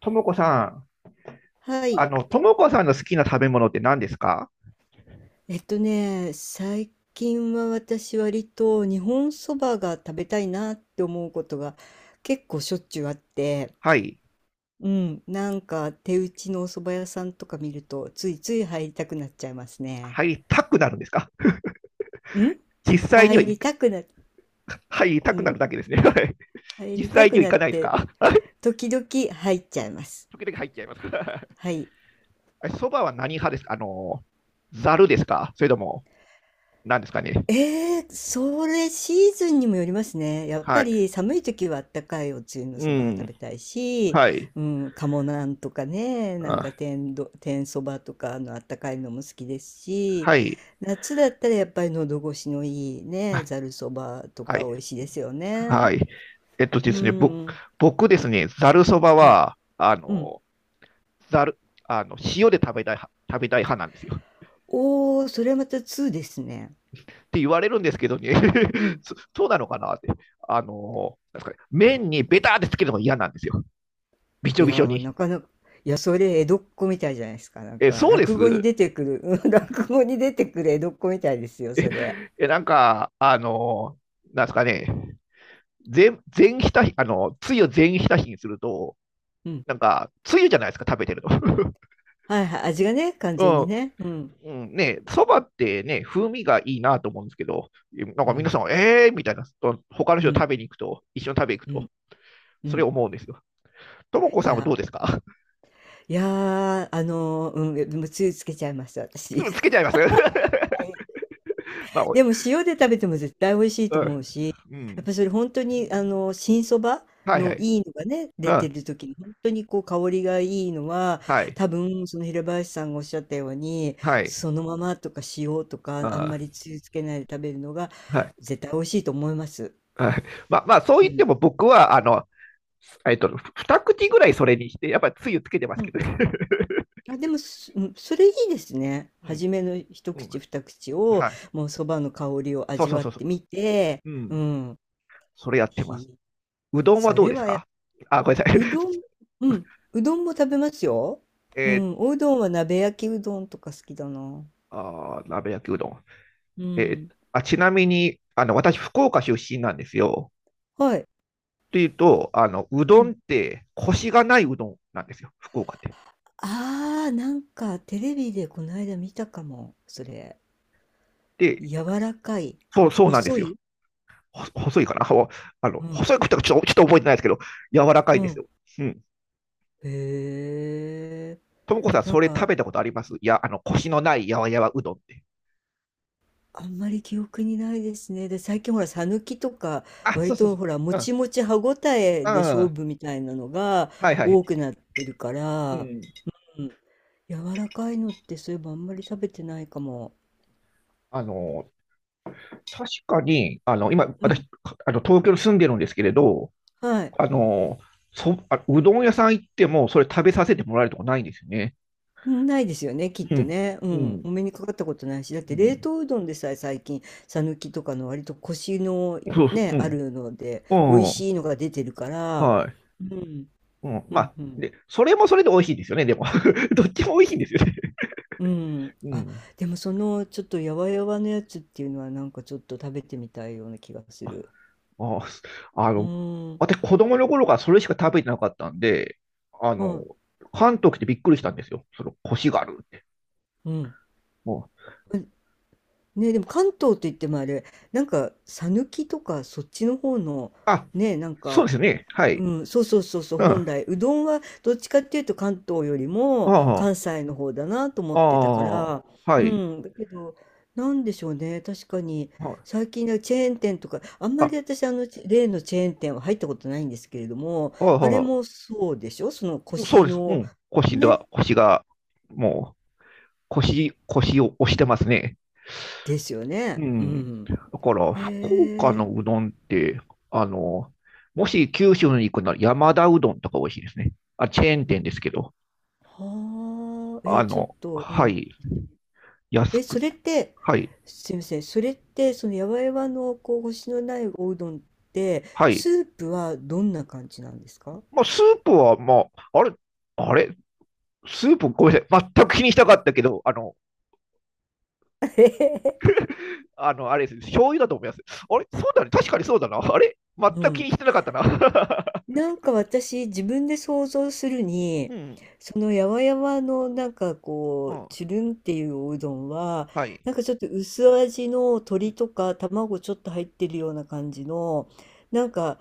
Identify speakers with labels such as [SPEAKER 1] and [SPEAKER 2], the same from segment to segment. [SPEAKER 1] ともこさん、
[SPEAKER 2] はい。
[SPEAKER 1] ともこさんの好きな食べ物って何ですか？
[SPEAKER 2] 最近は私割と日本そばが食べたいなって思うことが結構しょっちゅうあって、
[SPEAKER 1] はい。
[SPEAKER 2] うん、なんか手打ちのお蕎麦屋さんとか見るとついつい入りたくなっちゃいますね。
[SPEAKER 1] 入りたくなるんですか？
[SPEAKER 2] ん
[SPEAKER 1] 実際には
[SPEAKER 2] 入りたくな、
[SPEAKER 1] 入りた
[SPEAKER 2] う
[SPEAKER 1] くな
[SPEAKER 2] ん、
[SPEAKER 1] るだけですね。はい。
[SPEAKER 2] 入
[SPEAKER 1] 実
[SPEAKER 2] りた
[SPEAKER 1] 際に
[SPEAKER 2] く
[SPEAKER 1] は行
[SPEAKER 2] なっ
[SPEAKER 1] かないです
[SPEAKER 2] て
[SPEAKER 1] か？はい。
[SPEAKER 2] 時々入っちゃいます。
[SPEAKER 1] 時々入っちゃいます。
[SPEAKER 2] はい。
[SPEAKER 1] そばは何派ですか？ざるですか？それとも、何ですかね？
[SPEAKER 2] それシーズンにもよりますね。やっ
[SPEAKER 1] は
[SPEAKER 2] ぱ
[SPEAKER 1] い。
[SPEAKER 2] り寒い時はあったかいおつゆの
[SPEAKER 1] う
[SPEAKER 2] そばが食
[SPEAKER 1] ん。
[SPEAKER 2] べたいし、
[SPEAKER 1] はい。
[SPEAKER 2] うん、鴨なんとかね、
[SPEAKER 1] あ、
[SPEAKER 2] 天そばとかのあったかいのも好きですし、
[SPEAKER 1] はい。
[SPEAKER 2] 夏だったらやっぱり喉越しのいいね、
[SPEAKER 1] あ、
[SPEAKER 2] ざるそばと
[SPEAKER 1] は
[SPEAKER 2] か
[SPEAKER 1] い。
[SPEAKER 2] 美味しいですよ
[SPEAKER 1] は
[SPEAKER 2] ね。
[SPEAKER 1] い。えっとで
[SPEAKER 2] う
[SPEAKER 1] すね、僕、
[SPEAKER 2] ん、
[SPEAKER 1] 僕ですね、ざるそば
[SPEAKER 2] はい、
[SPEAKER 1] は、
[SPEAKER 2] うん。
[SPEAKER 1] ざる、あの、塩で食べたい派なんですよ。
[SPEAKER 2] おー、それはまた2ですね。
[SPEAKER 1] って言われるんですけどね
[SPEAKER 2] う ん。
[SPEAKER 1] そうなのかなって。なんですかね、麺にベターってつけるのが嫌なんですよ、びち
[SPEAKER 2] い
[SPEAKER 1] ょび
[SPEAKER 2] や
[SPEAKER 1] ちょ
[SPEAKER 2] ー、
[SPEAKER 1] に。
[SPEAKER 2] なかなか、いや、それ江戸っ子みたいじゃないですか。なん
[SPEAKER 1] え、
[SPEAKER 2] か、
[SPEAKER 1] そうで
[SPEAKER 2] 落語に
[SPEAKER 1] す。
[SPEAKER 2] 出てくる、落語に出てくる江戸っ子みたいですよ、それ。
[SPEAKER 1] え、なんか、なんですかね、全全ひたひ、あの、つゆを全ひたひにすると、
[SPEAKER 2] うん。
[SPEAKER 1] なんか、つゆじゃないですか、食べてると。
[SPEAKER 2] はいはい、味がね、完全に ね。うん。
[SPEAKER 1] うん、うん、ね、そばってね、風味がいいなと思うんですけど、なん
[SPEAKER 2] う
[SPEAKER 1] か皆さ
[SPEAKER 2] ん。
[SPEAKER 1] ん、えーみたいな、と他の
[SPEAKER 2] う
[SPEAKER 1] 人と
[SPEAKER 2] ん。
[SPEAKER 1] 食べに行くと、一緒に食べに行く
[SPEAKER 2] う
[SPEAKER 1] と、
[SPEAKER 2] ん。う
[SPEAKER 1] それ
[SPEAKER 2] ん。
[SPEAKER 1] 思うんですよ。ともこ
[SPEAKER 2] い
[SPEAKER 1] さんは
[SPEAKER 2] や、
[SPEAKER 1] どうですか？
[SPEAKER 2] いやでもつゆつけちゃいました、私。
[SPEAKER 1] つけ ちゃいます？
[SPEAKER 2] はい。
[SPEAKER 1] まあ、
[SPEAKER 2] でも塩で食べても絶対美味しい
[SPEAKER 1] う
[SPEAKER 2] と思
[SPEAKER 1] ん
[SPEAKER 2] うし、
[SPEAKER 1] う
[SPEAKER 2] やっ
[SPEAKER 1] ん、
[SPEAKER 2] ぱそれ本当に新そば
[SPEAKER 1] はいは
[SPEAKER 2] の
[SPEAKER 1] い。
[SPEAKER 2] いいのがね、
[SPEAKER 1] う
[SPEAKER 2] 出て
[SPEAKER 1] ん、
[SPEAKER 2] る時に本当にこう香りがいいのは、
[SPEAKER 1] はい
[SPEAKER 2] 多分その平林さんがおっしゃったように、
[SPEAKER 1] はい、
[SPEAKER 2] そのままとか塩とかあん
[SPEAKER 1] あ、
[SPEAKER 2] まりつゆつけないで食べるのが
[SPEAKER 1] ーはい
[SPEAKER 2] 絶対美味しいと思います。
[SPEAKER 1] はい、まあまあそう
[SPEAKER 2] う
[SPEAKER 1] 言って
[SPEAKER 2] ん。
[SPEAKER 1] も僕はえっと、二口ぐらいそれにして、やっぱりつゆつけてます
[SPEAKER 2] う
[SPEAKER 1] け
[SPEAKER 2] ん。
[SPEAKER 1] ど。
[SPEAKER 2] あ、でも、うん、それいいですね。
[SPEAKER 1] うん
[SPEAKER 2] 初めの一
[SPEAKER 1] うん、
[SPEAKER 2] 口二口を、
[SPEAKER 1] はい。
[SPEAKER 2] もうそばの香りを
[SPEAKER 1] そう
[SPEAKER 2] 味
[SPEAKER 1] そう
[SPEAKER 2] わっ
[SPEAKER 1] そうそ
[SPEAKER 2] てみて、
[SPEAKER 1] う。うん。
[SPEAKER 2] うん。
[SPEAKER 1] それやってます。
[SPEAKER 2] ひ
[SPEAKER 1] うどんは
[SPEAKER 2] そ
[SPEAKER 1] どう
[SPEAKER 2] れ
[SPEAKER 1] です
[SPEAKER 2] はや
[SPEAKER 1] か？あ、ごめんなさい。
[SPEAKER 2] うどん、うん、うどんも食べますよ。う
[SPEAKER 1] えー、
[SPEAKER 2] ん、おうどんは鍋焼きうどんとか好きだな。
[SPEAKER 1] あー、鍋焼きうどん。
[SPEAKER 2] うん。
[SPEAKER 1] ちなみに、私、福岡出身なんですよ。
[SPEAKER 2] はい。
[SPEAKER 1] っていうと、う
[SPEAKER 2] う
[SPEAKER 1] どんっ
[SPEAKER 2] ん。
[SPEAKER 1] て、コシがないうどんなんですよ、福岡って。
[SPEAKER 2] ああ、なんかテレビでこの間見たかも、それ。
[SPEAKER 1] で、
[SPEAKER 2] 柔らかい、
[SPEAKER 1] そうなんで
[SPEAKER 2] 細
[SPEAKER 1] すよ。
[SPEAKER 2] い。
[SPEAKER 1] 細いかな。
[SPEAKER 2] うん、
[SPEAKER 1] 細いことはちょっとちょっと覚えてないですけど、柔らか
[SPEAKER 2] う
[SPEAKER 1] いんです
[SPEAKER 2] ん。
[SPEAKER 1] よ。うん。
[SPEAKER 2] へえ。
[SPEAKER 1] ともこさん、
[SPEAKER 2] な
[SPEAKER 1] そ
[SPEAKER 2] ん
[SPEAKER 1] れ食
[SPEAKER 2] か、
[SPEAKER 1] べたことあります？いや、コシのないやわやわうどんって。
[SPEAKER 2] あんまり記憶にないですね。で、最近ほら、さぬきとか、
[SPEAKER 1] あ、そ
[SPEAKER 2] 割
[SPEAKER 1] うそうそ
[SPEAKER 2] と
[SPEAKER 1] う。
[SPEAKER 2] ほら、も
[SPEAKER 1] う
[SPEAKER 2] ち
[SPEAKER 1] ん。
[SPEAKER 2] もち歯ごたえ
[SPEAKER 1] う
[SPEAKER 2] で勝
[SPEAKER 1] ん。
[SPEAKER 2] 負みたいなのが
[SPEAKER 1] はいは
[SPEAKER 2] 多
[SPEAKER 1] い。
[SPEAKER 2] くなってるか
[SPEAKER 1] う
[SPEAKER 2] ら、
[SPEAKER 1] ん。
[SPEAKER 2] 柔らかいのってそういえばあんまり食べてないかも。
[SPEAKER 1] あの、確かに、今、
[SPEAKER 2] うん。
[SPEAKER 1] 私、東京に住んでるんですけれど、
[SPEAKER 2] はい。
[SPEAKER 1] あの、うどん屋さん行っても、それ食べさせ
[SPEAKER 2] う
[SPEAKER 1] てもらえるとこないんですよね。
[SPEAKER 2] ん。ないですよね、きっ
[SPEAKER 1] う
[SPEAKER 2] と
[SPEAKER 1] ん。
[SPEAKER 2] ね。う
[SPEAKER 1] う
[SPEAKER 2] ん。
[SPEAKER 1] ん。
[SPEAKER 2] お目にかかったことないし、だっ
[SPEAKER 1] う
[SPEAKER 2] て冷
[SPEAKER 1] ん。
[SPEAKER 2] 凍うどんでさえ最近、さぬきとかの割とコシの
[SPEAKER 1] そうそう。う
[SPEAKER 2] ね、あ
[SPEAKER 1] ん。
[SPEAKER 2] るので、美味
[SPEAKER 1] うん。
[SPEAKER 2] しいのが出てるから、
[SPEAKER 1] はい。
[SPEAKER 2] うん、
[SPEAKER 1] うん。
[SPEAKER 2] う
[SPEAKER 1] ま
[SPEAKER 2] ん、
[SPEAKER 1] あ、
[SPEAKER 2] う
[SPEAKER 1] で、
[SPEAKER 2] ん。
[SPEAKER 1] それもそれで美味しいですよね、でも。どっちも美味しいんですよね。
[SPEAKER 2] うん、
[SPEAKER 1] う
[SPEAKER 2] あ、
[SPEAKER 1] ん。
[SPEAKER 2] でもそのちょっとやわやわのやつっていうのはなんかちょっと食べてみたいような気がする。
[SPEAKER 1] あ、あ
[SPEAKER 2] う
[SPEAKER 1] の、
[SPEAKER 2] ーん、
[SPEAKER 1] 私、子供の頃からそれしか食べてなかったんで、あの、
[SPEAKER 2] は
[SPEAKER 1] 関東来てびっくりしたんですよ。コシがあるって。
[SPEAKER 2] い、うん。
[SPEAKER 1] もう、
[SPEAKER 2] ね、でも関東って言ってもあれ、なんか、さぬきとかそっちの方の、
[SPEAKER 1] あ、
[SPEAKER 2] ね、なん
[SPEAKER 1] そう
[SPEAKER 2] か、
[SPEAKER 1] ですね。はい。
[SPEAKER 2] うん、そうそうそうそう、
[SPEAKER 1] うん。
[SPEAKER 2] 本
[SPEAKER 1] あ
[SPEAKER 2] 来、うどんはどっちかっていうと関東よりも
[SPEAKER 1] あ、
[SPEAKER 2] 関西の方だなと思
[SPEAKER 1] あ
[SPEAKER 2] ってたか
[SPEAKER 1] あ、
[SPEAKER 2] ら、
[SPEAKER 1] は
[SPEAKER 2] う
[SPEAKER 1] い。
[SPEAKER 2] ん、だけど、なんでしょうね、確かに、
[SPEAKER 1] はい、
[SPEAKER 2] 最近ねチェーン店とか、あんま
[SPEAKER 1] あ、
[SPEAKER 2] り私、例のチェーン店は入ったことないんですけれども、
[SPEAKER 1] はい、
[SPEAKER 2] あれ
[SPEAKER 1] は
[SPEAKER 2] もそうでしょ、その
[SPEAKER 1] い。そう
[SPEAKER 2] 腰
[SPEAKER 1] です。う
[SPEAKER 2] の、
[SPEAKER 1] ん。コシ
[SPEAKER 2] ね、
[SPEAKER 1] が、コシが、もう、コシ、コシを押してますね。
[SPEAKER 2] ですよ
[SPEAKER 1] う
[SPEAKER 2] ね。う
[SPEAKER 1] ん。
[SPEAKER 2] ん。
[SPEAKER 1] だから、福岡
[SPEAKER 2] へえ。
[SPEAKER 1] のうどんって、あの、もし九州に行くなら山田うどんとか美味しいですね。あ、チェーン店ですけど、
[SPEAKER 2] え、ちょっと、う
[SPEAKER 1] は
[SPEAKER 2] ん。
[SPEAKER 1] い、安
[SPEAKER 2] え、そ
[SPEAKER 1] く、
[SPEAKER 2] れって、
[SPEAKER 1] はい、
[SPEAKER 2] すみません、それって、そのやわやわのこう星のないおうどんって、
[SPEAKER 1] は
[SPEAKER 2] ス
[SPEAKER 1] い。
[SPEAKER 2] ープはどんな感じなんですか？
[SPEAKER 1] まあ、スープは、まあ、あれ、スープ、ごめんなさい、全く気にしたかったけど、あれですね、醤油だと思います。あれ、そうだね、確かにそうだな。あれ、全
[SPEAKER 2] う
[SPEAKER 1] く気
[SPEAKER 2] ん。
[SPEAKER 1] にしてなかったな。
[SPEAKER 2] なんか私、自分で想像する
[SPEAKER 1] う
[SPEAKER 2] に、
[SPEAKER 1] ん、
[SPEAKER 2] そのやわやわのなんか
[SPEAKER 1] う
[SPEAKER 2] こう、
[SPEAKER 1] ん、
[SPEAKER 2] つるんっていうおうどんは、
[SPEAKER 1] はい。
[SPEAKER 2] なんかちょっと薄味の鶏とか卵ちょっと入ってるような感じの、なんか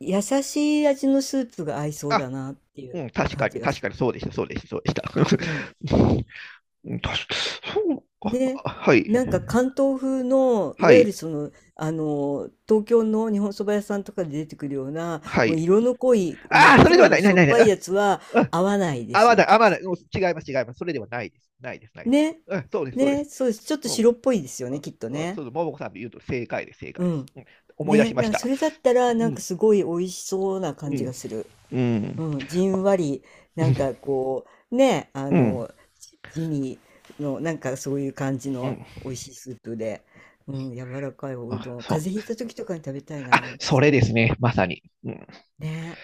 [SPEAKER 2] 優しい味のスープが合いそう
[SPEAKER 1] あ、
[SPEAKER 2] だなってい
[SPEAKER 1] う
[SPEAKER 2] う
[SPEAKER 1] ん、確
[SPEAKER 2] 感
[SPEAKER 1] かに、
[SPEAKER 2] じが
[SPEAKER 1] 確
[SPEAKER 2] す
[SPEAKER 1] か
[SPEAKER 2] る。
[SPEAKER 1] にそうでした、そうでした、そうでし
[SPEAKER 2] うん。
[SPEAKER 1] た。うんたし、そう、
[SPEAKER 2] ね。
[SPEAKER 1] あ、はい、
[SPEAKER 2] なんか関東風の、い
[SPEAKER 1] は
[SPEAKER 2] わゆる
[SPEAKER 1] い、
[SPEAKER 2] 東京の日本そば屋さんとかで出てくるような、
[SPEAKER 1] は
[SPEAKER 2] もう
[SPEAKER 1] い。
[SPEAKER 2] 色の濃い真
[SPEAKER 1] あ
[SPEAKER 2] っ
[SPEAKER 1] あ、それでは
[SPEAKER 2] 黒
[SPEAKER 1] な
[SPEAKER 2] の
[SPEAKER 1] い、な
[SPEAKER 2] し
[SPEAKER 1] い、
[SPEAKER 2] ょ
[SPEAKER 1] な
[SPEAKER 2] っ
[SPEAKER 1] い、
[SPEAKER 2] ぱ
[SPEAKER 1] な
[SPEAKER 2] い
[SPEAKER 1] い。
[SPEAKER 2] やつは
[SPEAKER 1] あ、
[SPEAKER 2] 合わないで
[SPEAKER 1] ああ、
[SPEAKER 2] す
[SPEAKER 1] ま
[SPEAKER 2] よ、
[SPEAKER 1] だ、
[SPEAKER 2] きっ
[SPEAKER 1] あ、ま
[SPEAKER 2] と
[SPEAKER 1] だ、
[SPEAKER 2] そ
[SPEAKER 1] もう
[SPEAKER 2] れ。
[SPEAKER 1] 違います、違います。それではないです。ないです、ないです。
[SPEAKER 2] ね。
[SPEAKER 1] そうです、そうで
[SPEAKER 2] ね。
[SPEAKER 1] す。
[SPEAKER 2] そうです。ちょっと
[SPEAKER 1] も
[SPEAKER 2] 白っぽいですよ
[SPEAKER 1] う、あ
[SPEAKER 2] ね、きっと
[SPEAKER 1] あ、そう
[SPEAKER 2] ね。
[SPEAKER 1] です。ももこさんで言うと正解です、正
[SPEAKER 2] う
[SPEAKER 1] 解で
[SPEAKER 2] ん。
[SPEAKER 1] す。うん、思い出
[SPEAKER 2] ね。
[SPEAKER 1] しま
[SPEAKER 2] な
[SPEAKER 1] し
[SPEAKER 2] んかそ
[SPEAKER 1] た。
[SPEAKER 2] れだった
[SPEAKER 1] う
[SPEAKER 2] ら、なんか
[SPEAKER 1] ん、
[SPEAKER 2] すごい美味しそうな
[SPEAKER 1] う
[SPEAKER 2] 感じが
[SPEAKER 1] ん、
[SPEAKER 2] する。
[SPEAKER 1] うん。
[SPEAKER 2] うん、じ
[SPEAKER 1] あ、
[SPEAKER 2] んわり、
[SPEAKER 1] う
[SPEAKER 2] なん
[SPEAKER 1] ん、
[SPEAKER 2] かこう、ね、あ
[SPEAKER 1] うん、
[SPEAKER 2] の、地味の、なんかそういう感じ
[SPEAKER 1] う
[SPEAKER 2] の
[SPEAKER 1] ん。
[SPEAKER 2] 美味しいスープで、うん、柔らかいおう
[SPEAKER 1] あ、
[SPEAKER 2] どん、
[SPEAKER 1] そ
[SPEAKER 2] 風
[SPEAKER 1] う。
[SPEAKER 2] 邪ひいた時とかに食べたいな、
[SPEAKER 1] あ、
[SPEAKER 2] なんか
[SPEAKER 1] そ
[SPEAKER 2] そ
[SPEAKER 1] れ
[SPEAKER 2] れ。
[SPEAKER 1] ですね、まさに。うん、
[SPEAKER 2] ね。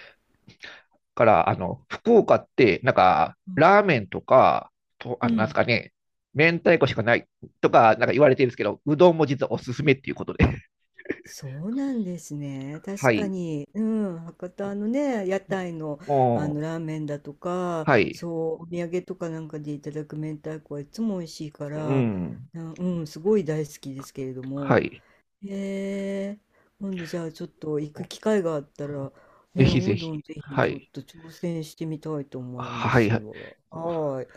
[SPEAKER 1] から、福岡って、なんか、
[SPEAKER 2] うん、
[SPEAKER 1] ラーメンとか、と、
[SPEAKER 2] う
[SPEAKER 1] なんです
[SPEAKER 2] ん。
[SPEAKER 1] かね、明太子しかないとか、なんか言われてるんですけど、うどんも実はおすすめっていうことで。
[SPEAKER 2] そうなんです ね。
[SPEAKER 1] は
[SPEAKER 2] 確か
[SPEAKER 1] い。
[SPEAKER 2] に、うん、博多のね、屋台の、あの
[SPEAKER 1] も
[SPEAKER 2] ラーメンだとか、
[SPEAKER 1] う、はい。
[SPEAKER 2] そう、お土産とかなんかでいただく明太子はいつも美味しいか
[SPEAKER 1] う
[SPEAKER 2] ら、
[SPEAKER 1] ん。
[SPEAKER 2] うん、すごい大好きですけれど
[SPEAKER 1] は
[SPEAKER 2] も。
[SPEAKER 1] い。
[SPEAKER 2] へえ、今度じゃあちょっと行く機会があったら、
[SPEAKER 1] ぜ
[SPEAKER 2] ね、
[SPEAKER 1] ひ
[SPEAKER 2] お
[SPEAKER 1] ぜ
[SPEAKER 2] うどん
[SPEAKER 1] ひ。
[SPEAKER 2] ぜひ
[SPEAKER 1] は
[SPEAKER 2] ちょっ
[SPEAKER 1] い。
[SPEAKER 2] と挑戦してみたいと思いま
[SPEAKER 1] はい。
[SPEAKER 2] す
[SPEAKER 1] はい。
[SPEAKER 2] わ。はーい。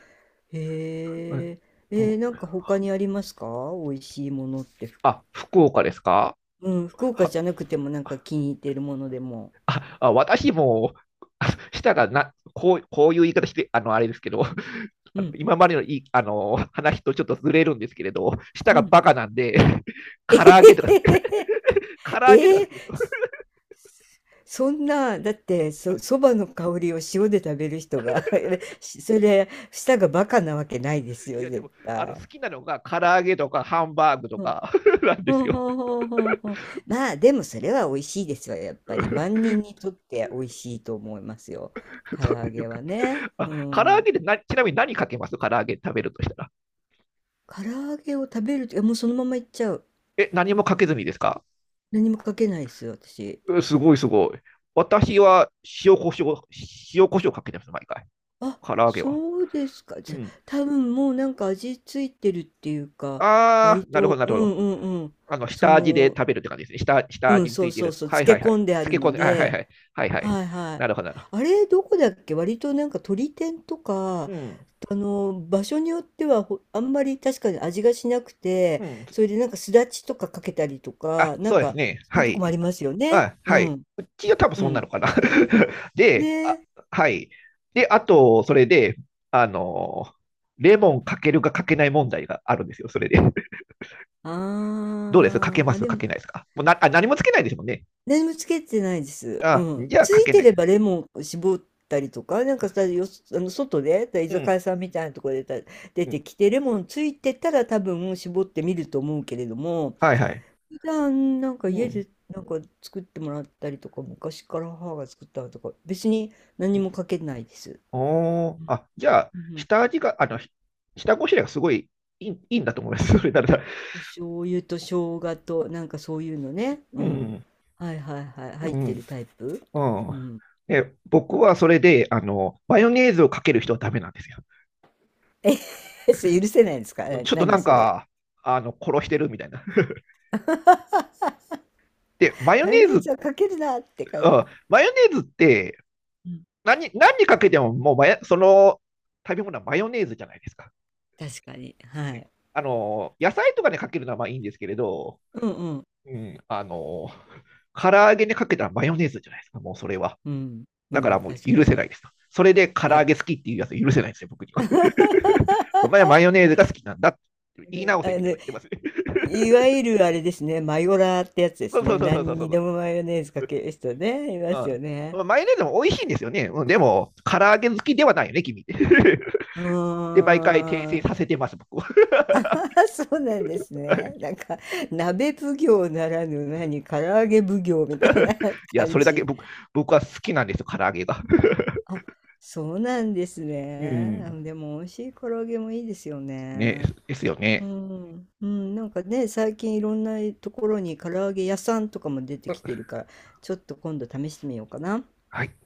[SPEAKER 1] う
[SPEAKER 2] へ
[SPEAKER 1] ん、
[SPEAKER 2] え、えー、なんか他にありますか？美味しいものって
[SPEAKER 1] あ、福岡ですか？
[SPEAKER 2] うん、福岡
[SPEAKER 1] は
[SPEAKER 2] じゃなくてもなんか気に入ってるものでも。
[SPEAKER 1] あ、あ、私も、あしたらな、こういう言い方して、あれですけど、
[SPEAKER 2] うん、
[SPEAKER 1] 今までのいい話とちょっとずれるんですけれど、舌
[SPEAKER 2] う
[SPEAKER 1] が
[SPEAKER 2] ん。
[SPEAKER 1] バカなんで、唐揚げとか、唐 揚げとか
[SPEAKER 2] え
[SPEAKER 1] 好
[SPEAKER 2] ー、
[SPEAKER 1] きですよ。
[SPEAKER 2] そんな、だってそ、そばの香りを塩で食べる人が それ、舌がバカなわけないです
[SPEAKER 1] い
[SPEAKER 2] よ、
[SPEAKER 1] や、で
[SPEAKER 2] 絶
[SPEAKER 1] も、
[SPEAKER 2] 対。
[SPEAKER 1] 好きなのが唐揚げとかハンバーグとか なん
[SPEAKER 2] ふ
[SPEAKER 1] です
[SPEAKER 2] んふ
[SPEAKER 1] よ。
[SPEAKER 2] んふんふんふん。まあ、でもそれは美味しいですよ、やっぱり。
[SPEAKER 1] そ
[SPEAKER 2] 万人にとって美味しいと思いますよ。唐
[SPEAKER 1] う
[SPEAKER 2] 揚
[SPEAKER 1] いう
[SPEAKER 2] げ
[SPEAKER 1] か、
[SPEAKER 2] はね。う
[SPEAKER 1] あ、唐揚
[SPEAKER 2] ん。
[SPEAKER 1] げで、な、ちなみに何かけます？唐揚げ食べるとしたら。
[SPEAKER 2] 唐揚げを食べると、いやもうそのままいっちゃう。
[SPEAKER 1] え、何もかけずにですか？
[SPEAKER 2] 何もかけないですよ、私。
[SPEAKER 1] う、すごいすごい。私は塩コショウ、塩コショウかけてます、毎回。
[SPEAKER 2] あ、
[SPEAKER 1] 唐揚げは。
[SPEAKER 2] そうですか。
[SPEAKER 1] う
[SPEAKER 2] じゃ、
[SPEAKER 1] ん。
[SPEAKER 2] 多分もうなんか味ついてるっていうか、
[SPEAKER 1] あ
[SPEAKER 2] 割
[SPEAKER 1] ー、なるほど、
[SPEAKER 2] と、
[SPEAKER 1] なる
[SPEAKER 2] う
[SPEAKER 1] ほど。
[SPEAKER 2] んうんうん。そ
[SPEAKER 1] 下味で
[SPEAKER 2] の、
[SPEAKER 1] 食べるって感じですね。下下
[SPEAKER 2] う
[SPEAKER 1] 味
[SPEAKER 2] ん、
[SPEAKER 1] につ
[SPEAKER 2] そう
[SPEAKER 1] いている
[SPEAKER 2] そうそ
[SPEAKER 1] や
[SPEAKER 2] う、
[SPEAKER 1] つ。は
[SPEAKER 2] 漬
[SPEAKER 1] いは
[SPEAKER 2] け
[SPEAKER 1] いは
[SPEAKER 2] 込
[SPEAKER 1] い。
[SPEAKER 2] んであ
[SPEAKER 1] 漬け
[SPEAKER 2] る
[SPEAKER 1] 込ん
[SPEAKER 2] の
[SPEAKER 1] で、はいはいは
[SPEAKER 2] で、
[SPEAKER 1] い。はいはい。
[SPEAKER 2] はいはい。
[SPEAKER 1] なるほど、なる
[SPEAKER 2] あ
[SPEAKER 1] ほ
[SPEAKER 2] れ、どこだっけ、割となんか鳥天と
[SPEAKER 1] ど。
[SPEAKER 2] か、
[SPEAKER 1] うん。
[SPEAKER 2] あの、場所によってはほあんまり確かに味がしなくて、
[SPEAKER 1] うん。
[SPEAKER 2] それでなんかすだちとかかけたりとか、
[SPEAKER 1] あ、
[SPEAKER 2] なん
[SPEAKER 1] そうです
[SPEAKER 2] か
[SPEAKER 1] ね。
[SPEAKER 2] そういう
[SPEAKER 1] は
[SPEAKER 2] とこ
[SPEAKER 1] い。
[SPEAKER 2] もありますよね。
[SPEAKER 1] あ、
[SPEAKER 2] う
[SPEAKER 1] はい。
[SPEAKER 2] ん。
[SPEAKER 1] うちは多分
[SPEAKER 2] う
[SPEAKER 1] そんな
[SPEAKER 2] ん。
[SPEAKER 1] のかな。
[SPEAKER 2] ね
[SPEAKER 1] で、あ、
[SPEAKER 2] え。
[SPEAKER 1] はい。で、あと、それで、あのーレモンかけるかかけない問題があるんですよ、それで。どうですか？け
[SPEAKER 2] あー。
[SPEAKER 1] ま
[SPEAKER 2] あ、
[SPEAKER 1] す
[SPEAKER 2] で
[SPEAKER 1] か
[SPEAKER 2] も、
[SPEAKER 1] けないですか？もうなあ、何もつけないですもんね。
[SPEAKER 2] 何もつけてないです。う
[SPEAKER 1] あ、
[SPEAKER 2] ん。
[SPEAKER 1] じゃあ
[SPEAKER 2] つ
[SPEAKER 1] か
[SPEAKER 2] い
[SPEAKER 1] け
[SPEAKER 2] て
[SPEAKER 1] ない
[SPEAKER 2] れ
[SPEAKER 1] です。
[SPEAKER 2] ばレモンを絞ったりとか、なんかさ、よ、あの、外で、居
[SPEAKER 1] う
[SPEAKER 2] 酒
[SPEAKER 1] ん。
[SPEAKER 2] 屋さんみたいなところで出
[SPEAKER 1] うん、
[SPEAKER 2] てきて、レモンついてたら多分絞ってみると思うけれども、
[SPEAKER 1] はいはい。
[SPEAKER 2] 普段なんか
[SPEAKER 1] う
[SPEAKER 2] 家
[SPEAKER 1] ん。
[SPEAKER 2] でなんか作ってもらったりとか、昔から母が作ったのとか、別に何もかけないです。
[SPEAKER 1] おー、あ、じゃあ、
[SPEAKER 2] うんうん。
[SPEAKER 1] 下味が、下ごしらえがすごいいいんだと思います。それなら、
[SPEAKER 2] お醤油と生姜となんかそういうのね。
[SPEAKER 1] う
[SPEAKER 2] うん。
[SPEAKER 1] ん、
[SPEAKER 2] はいはいはい。入
[SPEAKER 1] う
[SPEAKER 2] っ
[SPEAKER 1] ん、
[SPEAKER 2] てるタイプ。
[SPEAKER 1] う
[SPEAKER 2] う
[SPEAKER 1] ん。
[SPEAKER 2] ん。
[SPEAKER 1] ね、僕はそれで、マヨネーズをかける人はダメなんですよ。
[SPEAKER 2] え、それ許せないんですか？
[SPEAKER 1] ちょっとな
[SPEAKER 2] 何
[SPEAKER 1] ん
[SPEAKER 2] それ。
[SPEAKER 1] か、殺してるみたいな。で、マヨ
[SPEAKER 2] マヨ
[SPEAKER 1] ネー
[SPEAKER 2] ネー
[SPEAKER 1] ズ、
[SPEAKER 2] ズはかけるなって感
[SPEAKER 1] う
[SPEAKER 2] じ。
[SPEAKER 1] ん、マヨネーズって
[SPEAKER 2] うん。
[SPEAKER 1] 何にかけても、もうその食べ物はマヨネーズじゃないですか。
[SPEAKER 2] 確かに。はい。
[SPEAKER 1] 野菜とかにかけるのはまあいいんですけれど、
[SPEAKER 2] うんうん。
[SPEAKER 1] うん、唐揚げにかけたらマヨネーズじゃないですか、もうそれは。
[SPEAKER 2] うん。う
[SPEAKER 1] だから
[SPEAKER 2] ん。
[SPEAKER 1] もう
[SPEAKER 2] 確か
[SPEAKER 1] 許せ
[SPEAKER 2] に。
[SPEAKER 1] ないですと。それで唐
[SPEAKER 2] い
[SPEAKER 1] 揚
[SPEAKER 2] や。
[SPEAKER 1] げ好きっていうやつ許せないですよ、僕に は。お前は
[SPEAKER 2] う
[SPEAKER 1] マヨネーズが好きなんだって
[SPEAKER 2] ん
[SPEAKER 1] 言い直
[SPEAKER 2] あ
[SPEAKER 1] せ
[SPEAKER 2] の
[SPEAKER 1] みたい
[SPEAKER 2] ね
[SPEAKER 1] なこと言ってますね。
[SPEAKER 2] いわゆるあれですね、マヨラーってやつで
[SPEAKER 1] そ
[SPEAKER 2] す
[SPEAKER 1] うそう
[SPEAKER 2] ね。
[SPEAKER 1] そうそうそ
[SPEAKER 2] 何
[SPEAKER 1] うそ
[SPEAKER 2] に
[SPEAKER 1] う。
[SPEAKER 2] でもマヨネーズかける人ね、いますよ
[SPEAKER 1] うん
[SPEAKER 2] ね。
[SPEAKER 1] うん、マヨネーズも美味しいんですよね。でも、唐揚げ好きではないよね、君って。
[SPEAKER 2] う
[SPEAKER 1] で、毎回訂正
[SPEAKER 2] ーん。
[SPEAKER 1] させてます、僕は。
[SPEAKER 2] そうなんですね。なんか、鍋奉行ならぬ何、唐揚げ奉行みたいな
[SPEAKER 1] いや、
[SPEAKER 2] 感
[SPEAKER 1] それだけ
[SPEAKER 2] じ。
[SPEAKER 1] 僕は好きなんですよ、唐揚げが。
[SPEAKER 2] あ、そうなんです
[SPEAKER 1] う
[SPEAKER 2] ね。あ
[SPEAKER 1] ん。
[SPEAKER 2] でも、美味しい唐揚げもいいですよ
[SPEAKER 1] ね、
[SPEAKER 2] ね。
[SPEAKER 1] ですよ
[SPEAKER 2] う
[SPEAKER 1] ね。
[SPEAKER 2] ん、うん、なんかね、最近いろんなところに唐揚げ屋さんとかも出てきてるから、ちょっと今度試してみようかな。
[SPEAKER 1] はい。